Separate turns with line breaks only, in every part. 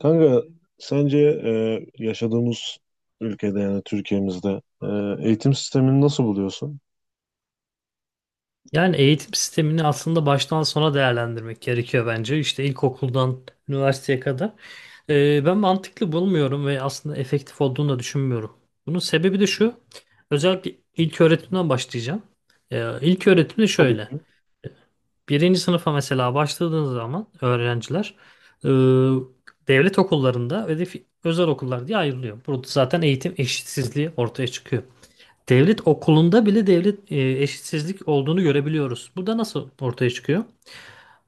Kanka, sence yaşadığımız ülkede, yani Türkiye'mizde, eğitim sistemini nasıl buluyorsun?
Yani eğitim sistemini aslında baştan sona değerlendirmek gerekiyor bence. İşte ilkokuldan üniversiteye kadar. Ben mantıklı bulmuyorum ve aslında efektif olduğunu da düşünmüyorum. Bunun sebebi de şu. Özellikle ilk öğretimden başlayacağım. İlk öğretim de
Tabii
şöyle.
ki.
Birinci sınıfa mesela başladığınız zaman öğrenciler e, devlet okullarında ve de özel okullar diye ayrılıyor. Burada zaten eğitim eşitsizliği ortaya çıkıyor. Devlet okulunda bile devlet eşitsizlik olduğunu görebiliyoruz. Bu da nasıl ortaya çıkıyor?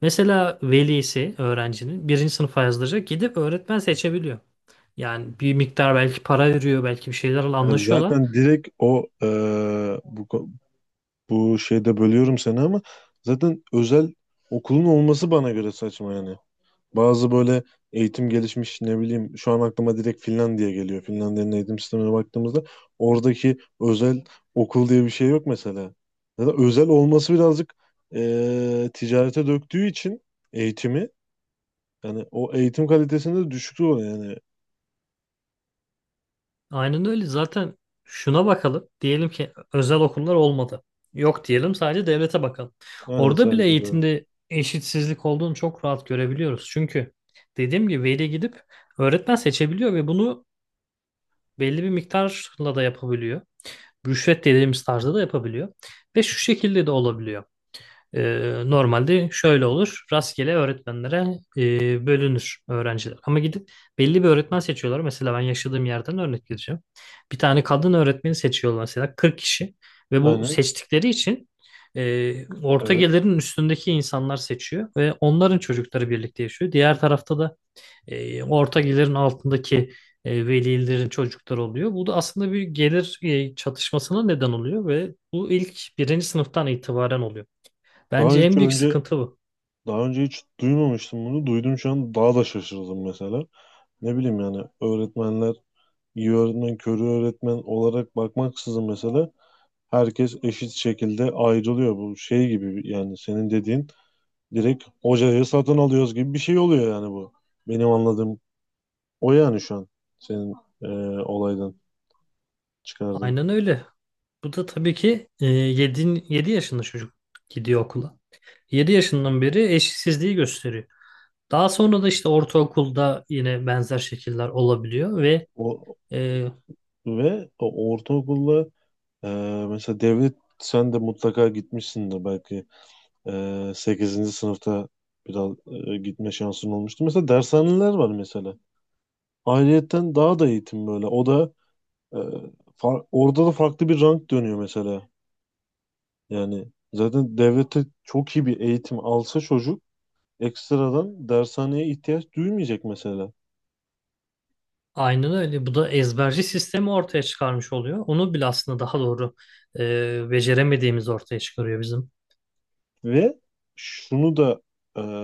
Mesela velisi öğrencinin birinci sınıfa yazdıracak gidip öğretmen seçebiliyor. Yani bir miktar belki para veriyor, belki bir şeylerle
Yani
anlaşıyorlar.
zaten direkt bu, bu şeyde bölüyorum seni, ama zaten özel okulun olması bana göre saçma yani. Bazı böyle eğitim gelişmiş, ne bileyim, şu an aklıma direkt Finlandiya geliyor. Finlandiya'nın eğitim sistemine baktığımızda oradaki özel okul diye bir şey yok mesela. Ya da özel olması birazcık ticarete döktüğü için eğitimi, yani o eğitim kalitesinde düşüklüğü oluyor yani.
Aynen öyle. Zaten şuna bakalım. Diyelim ki özel okullar olmadı. Yok diyelim, sadece devlete bakalım.
Aynen,
Orada bile
sadece de.
eğitimde eşitsizlik olduğunu çok rahat görebiliyoruz. Çünkü dediğim gibi veli gidip öğretmen seçebiliyor ve bunu belli bir miktarla da yapabiliyor. Rüşvet dediğimiz tarzda da yapabiliyor. Ve şu şekilde de olabiliyor. Normalde şöyle olur: rastgele öğretmenlere bölünür öğrenciler. Ama gidip belli bir öğretmen seçiyorlar. Mesela ben yaşadığım yerden örnek vereceğim. Bir tane kadın öğretmeni seçiyorlar mesela, 40 kişi. Ve bu
Aynen,
seçtikleri için orta
evet.
gelirin üstündeki insanlar seçiyor. Ve onların çocukları birlikte yaşıyor. Diğer tarafta da orta gelirin altındaki velilerin çocukları oluyor. Bu da aslında bir gelir çatışmasına neden oluyor ve bu ilk birinci sınıftan itibaren oluyor.
Daha
Bence
hiç
en büyük
önce
sıkıntı bu.
Daha önce hiç duymamıştım bunu. Duydum, şu an daha da şaşırdım mesela. Ne bileyim yani, öğretmenler iyi öğretmen, körü öğretmen olarak bakmaksızın mesela herkes eşit şekilde ayrılıyor. Bu şey gibi yani senin dediğin, direkt hocayı satın alıyoruz gibi bir şey oluyor yani bu. Benim anladığım o, yani şu an senin e, olaydan çıkardığım.
Aynen öyle. Bu da tabii ki, 7 yaşında çocuk gidiyor okula. 7 yaşından beri eşitsizliği gösteriyor. Daha sonra da işte ortaokulda yine benzer şekiller olabiliyor ve
O,
e,
Ve o ortaokulda, e, mesela devlet, sen de mutlaka gitmişsin de belki, 8. sınıfta biraz gitme şansın olmuştu. Mesela dershaneler var mesela. Ayrıyetten daha da eğitim böyle. O da e, orada da farklı bir rank dönüyor mesela. Yani zaten devlete çok iyi bir eğitim alsa çocuk ekstradan dershaneye ihtiyaç duymayacak mesela.
aynen öyle. Bu da ezberci sistemi ortaya çıkarmış oluyor. Onu bile aslında daha doğru beceremediğimiz ortaya çıkarıyor bizim.
Ve şunu da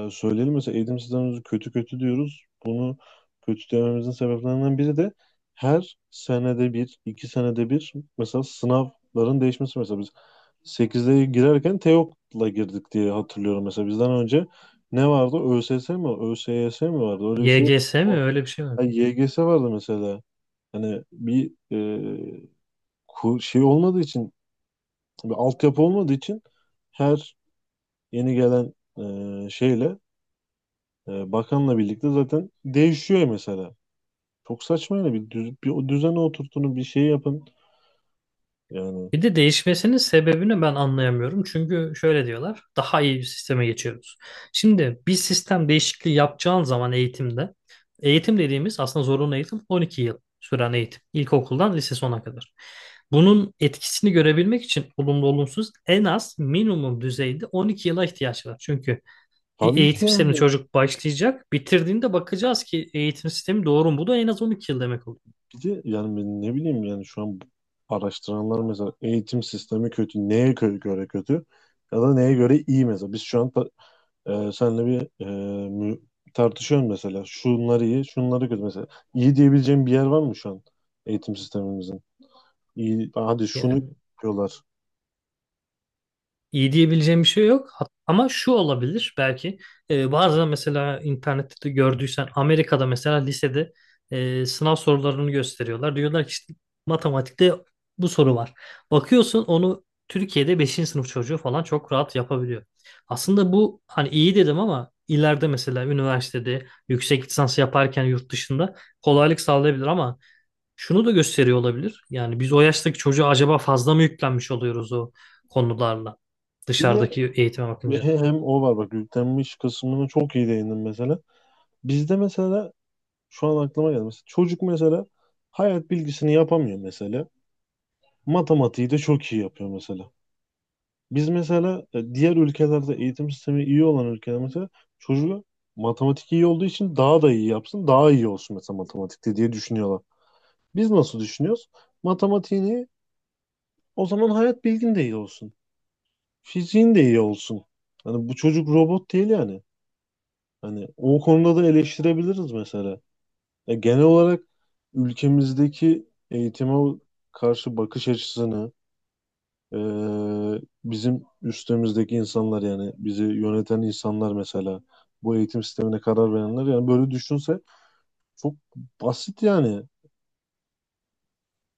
söyleyelim, mesela eğitim sistemimizi kötü kötü diyoruz. Bunu kötü dememizin sebeplerinden biri de her senede bir, iki senede bir mesela sınavların değişmesi, mesela biz 8'de girerken Teok'la girdik diye hatırlıyorum mesela. Bizden önce ne vardı? ÖSS mi? ÖSYS mi vardı? Öyle bir şey.
YGS mi,
O-
öyle bir şey mi?
Ay, YGS vardı mesela. Hani bir şey olmadığı için, bir altyapı olmadığı için, her yeni gelen şeyle, bakanla birlikte zaten değişiyor mesela. Çok saçma yani. Bir o düzene oturtun, bir şey yapın. Yani
Bir de değişmesinin sebebini ben anlayamıyorum. Çünkü şöyle diyorlar: daha iyi bir sisteme geçiyoruz. Şimdi bir sistem değişikliği yapacağın zaman eğitimde, eğitim dediğimiz aslında zorunlu eğitim, 12 yıl süren eğitim. İlkokuldan lise sona kadar. Bunun etkisini görebilmek için olumlu olumsuz en az minimum düzeyde 12 yıla ihtiyaç var. Çünkü bir
tabii ki
eğitim sistemine
yani.
çocuk başlayacak. Bitirdiğinde bakacağız ki eğitim sistemi doğru mu? Bu da en az 12 yıl demek oluyor.
Bir de yani ben, ne bileyim yani, şu an araştıranlar mesela eğitim sistemi kötü. Göre kötü? Ya da neye göre iyi mesela. Biz şu an seninle bir mü- tartışıyoruz mesela. Şunlar iyi, şunları kötü mesela. İyi diyebileceğim bir yer var mı şu an eğitim sistemimizin? İyi, hadi şunu
Yani
yapıyorlar.
iyi diyebileceğim bir şey yok. Ama şu olabilir belki. Bazen mesela internette de gördüysen, Amerika'da mesela lisede sınav sorularını gösteriyorlar. Diyorlar ki işte matematikte bu soru var. Bakıyorsun, onu Türkiye'de beşinci sınıf çocuğu falan çok rahat yapabiliyor. Aslında bu hani iyi dedim ama ileride mesela üniversitede yüksek lisans yaparken yurt dışında kolaylık sağlayabilir, ama şunu da gösteriyor olabilir. Yani biz o yaştaki çocuğa acaba fazla mı yüklenmiş oluyoruz o konularla,
Bir de
dışarıdaki eğitime bakınca.
hem o var bak, yüklenmiş kısmını çok iyi değindim mesela. Bizde mesela şu an aklıma geldi. Mesela çocuk mesela hayat bilgisini yapamıyor mesela. Matematiği de çok iyi yapıyor mesela. Biz mesela diğer ülkelerde, eğitim sistemi iyi olan ülkelerde mesela, çocuğu matematik iyi olduğu için daha da iyi yapsın, daha iyi olsun mesela matematikte diye düşünüyorlar. Biz nasıl düşünüyoruz? Matematiğin iyi, o zaman hayat bilgin de iyi olsun. Fiziğin de iyi olsun. Hani bu çocuk robot değil yani. Hani o konuda da eleştirebiliriz mesela. Genel olarak ülkemizdeki eğitime karşı bakış açısını. Bizim üstümüzdeki insanlar, yani bizi yöneten insanlar mesela, bu eğitim sistemine karar verenler, yani böyle düşünse çok basit yani.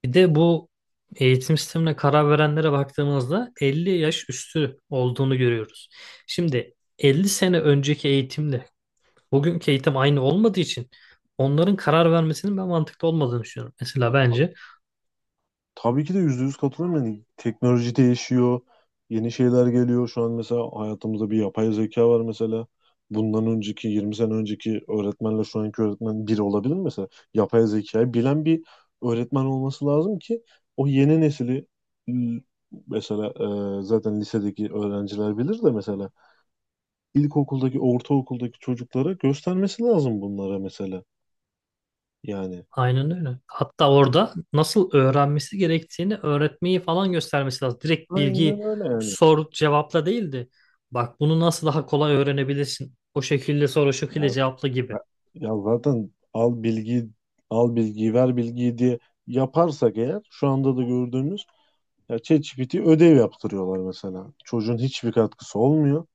Bir de bu eğitim sistemine karar verenlere baktığımızda 50 yaş üstü olduğunu görüyoruz. Şimdi 50 sene önceki eğitimle bugünkü eğitim aynı olmadığı için onların karar vermesinin ben mantıklı olmadığını düşünüyorum. Mesela bence
Tabii ki de %100 katılıyorum. Yani teknoloji değişiyor. Yeni şeyler geliyor. Şu an mesela hayatımızda bir yapay zeka var mesela. Bundan önceki 20 sene önceki öğretmenle şu anki öğretmen bir olabilir mi mesela? Yapay zekayı bilen bir öğretmen olması lazım ki o yeni nesili l- mesela, zaten lisedeki öğrenciler bilir de mesela ilkokuldaki, ortaokuldaki çocuklara göstermesi lazım bunlara mesela. Yani
aynen öyle. Hatta orada nasıl öğrenmesi gerektiğini öğretmeyi falan göstermesi lazım. Direkt bilgi
aynen öyle yani.
sor cevapla değildi. Bak, bunu nasıl daha kolay öğrenebilirsin. O şekilde sor, o şekilde
Ya,
cevapla gibi.
Zaten, al bilgiyi ver bilgiyi diye yaparsak eğer, şu anda da gördüğümüz ya ChatGPT ödev yaptırıyorlar mesela. Çocuğun hiçbir katkısı olmuyor.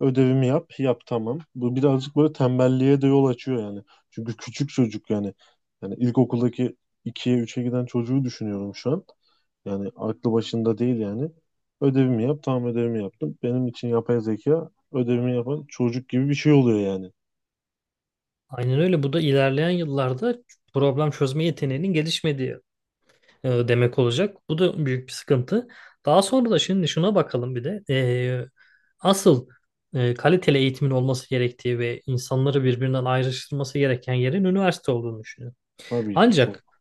Ödevimi yap, yap, tamam. Bu birazcık böyle tembelliğe de yol açıyor yani. Çünkü küçük çocuk yani. Yani ilkokuldaki ikiye üçe giden çocuğu düşünüyorum şu an. Yani aklı başında değil yani. Ödevimi yap, tamam, ödevimi yaptım. Benim için yapay zeka ödevimi yapan çocuk gibi bir şey oluyor yani.
Aynen öyle. Bu da ilerleyen yıllarda problem çözme yeteneğinin gelişmediği demek olacak. Bu da büyük bir sıkıntı. Daha sonra da şimdi şuna bakalım bir de. Asıl kaliteli eğitimin olması gerektiği ve insanları birbirinden ayrıştırması gereken yerin üniversite olduğunu düşünüyorum.
Tabii ki
Ancak
çok.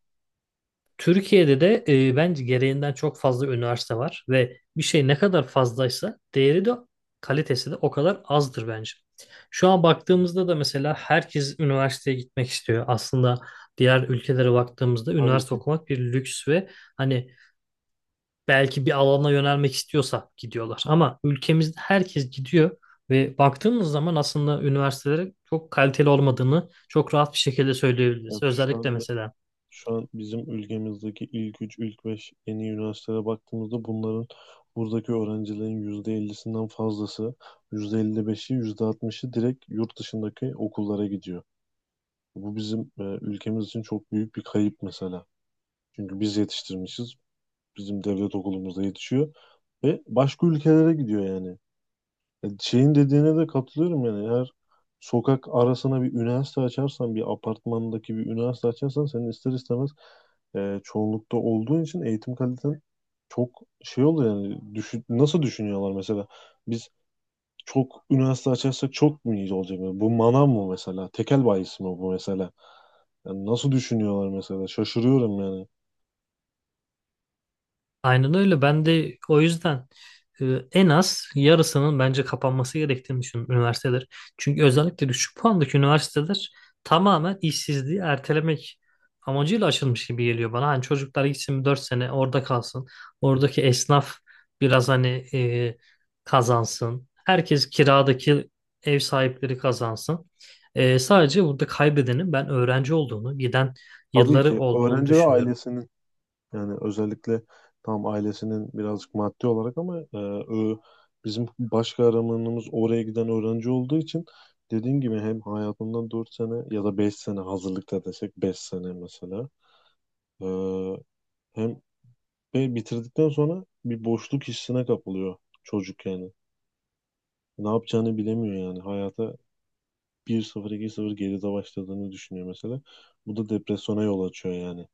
Türkiye'de de bence gereğinden çok fazla üniversite var ve bir şey ne kadar fazlaysa değeri de kalitesi de o kadar azdır bence. Şu an baktığımızda da mesela herkes üniversiteye gitmek istiyor. Aslında diğer ülkelere baktığımızda
Tabii
üniversite
ki.
okumak bir lüks ve hani belki bir alana yönelmek istiyorsa gidiyorlar. Ama ülkemizde herkes gidiyor ve baktığımız zaman aslında üniversitelere çok kaliteli olmadığını çok rahat bir şekilde söyleyebiliriz.
Yani şu
Özellikle
an,
mesela
şu an bizim ülkemizdeki ilk 3, ilk 5 en iyi üniversitelere baktığımızda bunların, buradaki öğrencilerin %50'sinden fazlası, %55'i, %60'ı direkt yurt dışındaki okullara gidiyor. Bu bizim, ülkemiz için çok büyük bir kayıp mesela. Çünkü biz yetiştirmişiz, bizim devlet okulumuzda yetişiyor ve başka ülkelere gidiyor yani. Şeyin dediğine de katılıyorum yani. Eğer sokak arasına bir üniversite açarsan, bir apartmandaki bir üniversite açarsan, senin ister istemez çoğunlukta olduğun için eğitim kaliten çok şey oluyor yani. Düşün, nasıl düşünüyorlar mesela? Biz çok üniversite açarsak çok mu iyi olacak? Yani bu manav mı mesela, tekel bayisi mi bu mesela? Yani nasıl düşünüyorlar mesela? Şaşırıyorum yani.
aynen öyle. Ben de o yüzden e, en az yarısının bence kapanması gerektiğini düşünüyorum üniversiteler. Çünkü özellikle düşük puandaki üniversiteler tamamen işsizliği ertelemek amacıyla açılmış gibi geliyor bana. Hani çocuklar gitsin, 4 sene orada kalsın. Oradaki esnaf biraz hani e, kazansın. Herkes, kiradaki ev sahipleri kazansın. Sadece burada kaybedenin ben öğrenci olduğunu, giden
Tabii
yılları
ki
olduğunu
öğrenci ve
düşünüyorum.
ailesinin. Yani özellikle tam ailesinin birazcık maddi olarak, ama bizim baş kahramanımız oraya giden öğrenci olduğu için, dediğim gibi hem hayatından 4 sene ya da 5 sene, hazırlıkta desek 5 sene mesela, e, hem ve bitirdikten sonra bir boşluk hissine kapılıyor çocuk yani. Ne yapacağını bilemiyor yani. Hayata bir 0 iki 0 geride başladığını düşünüyor mesela. Bu da depresyona yol açıyor yani.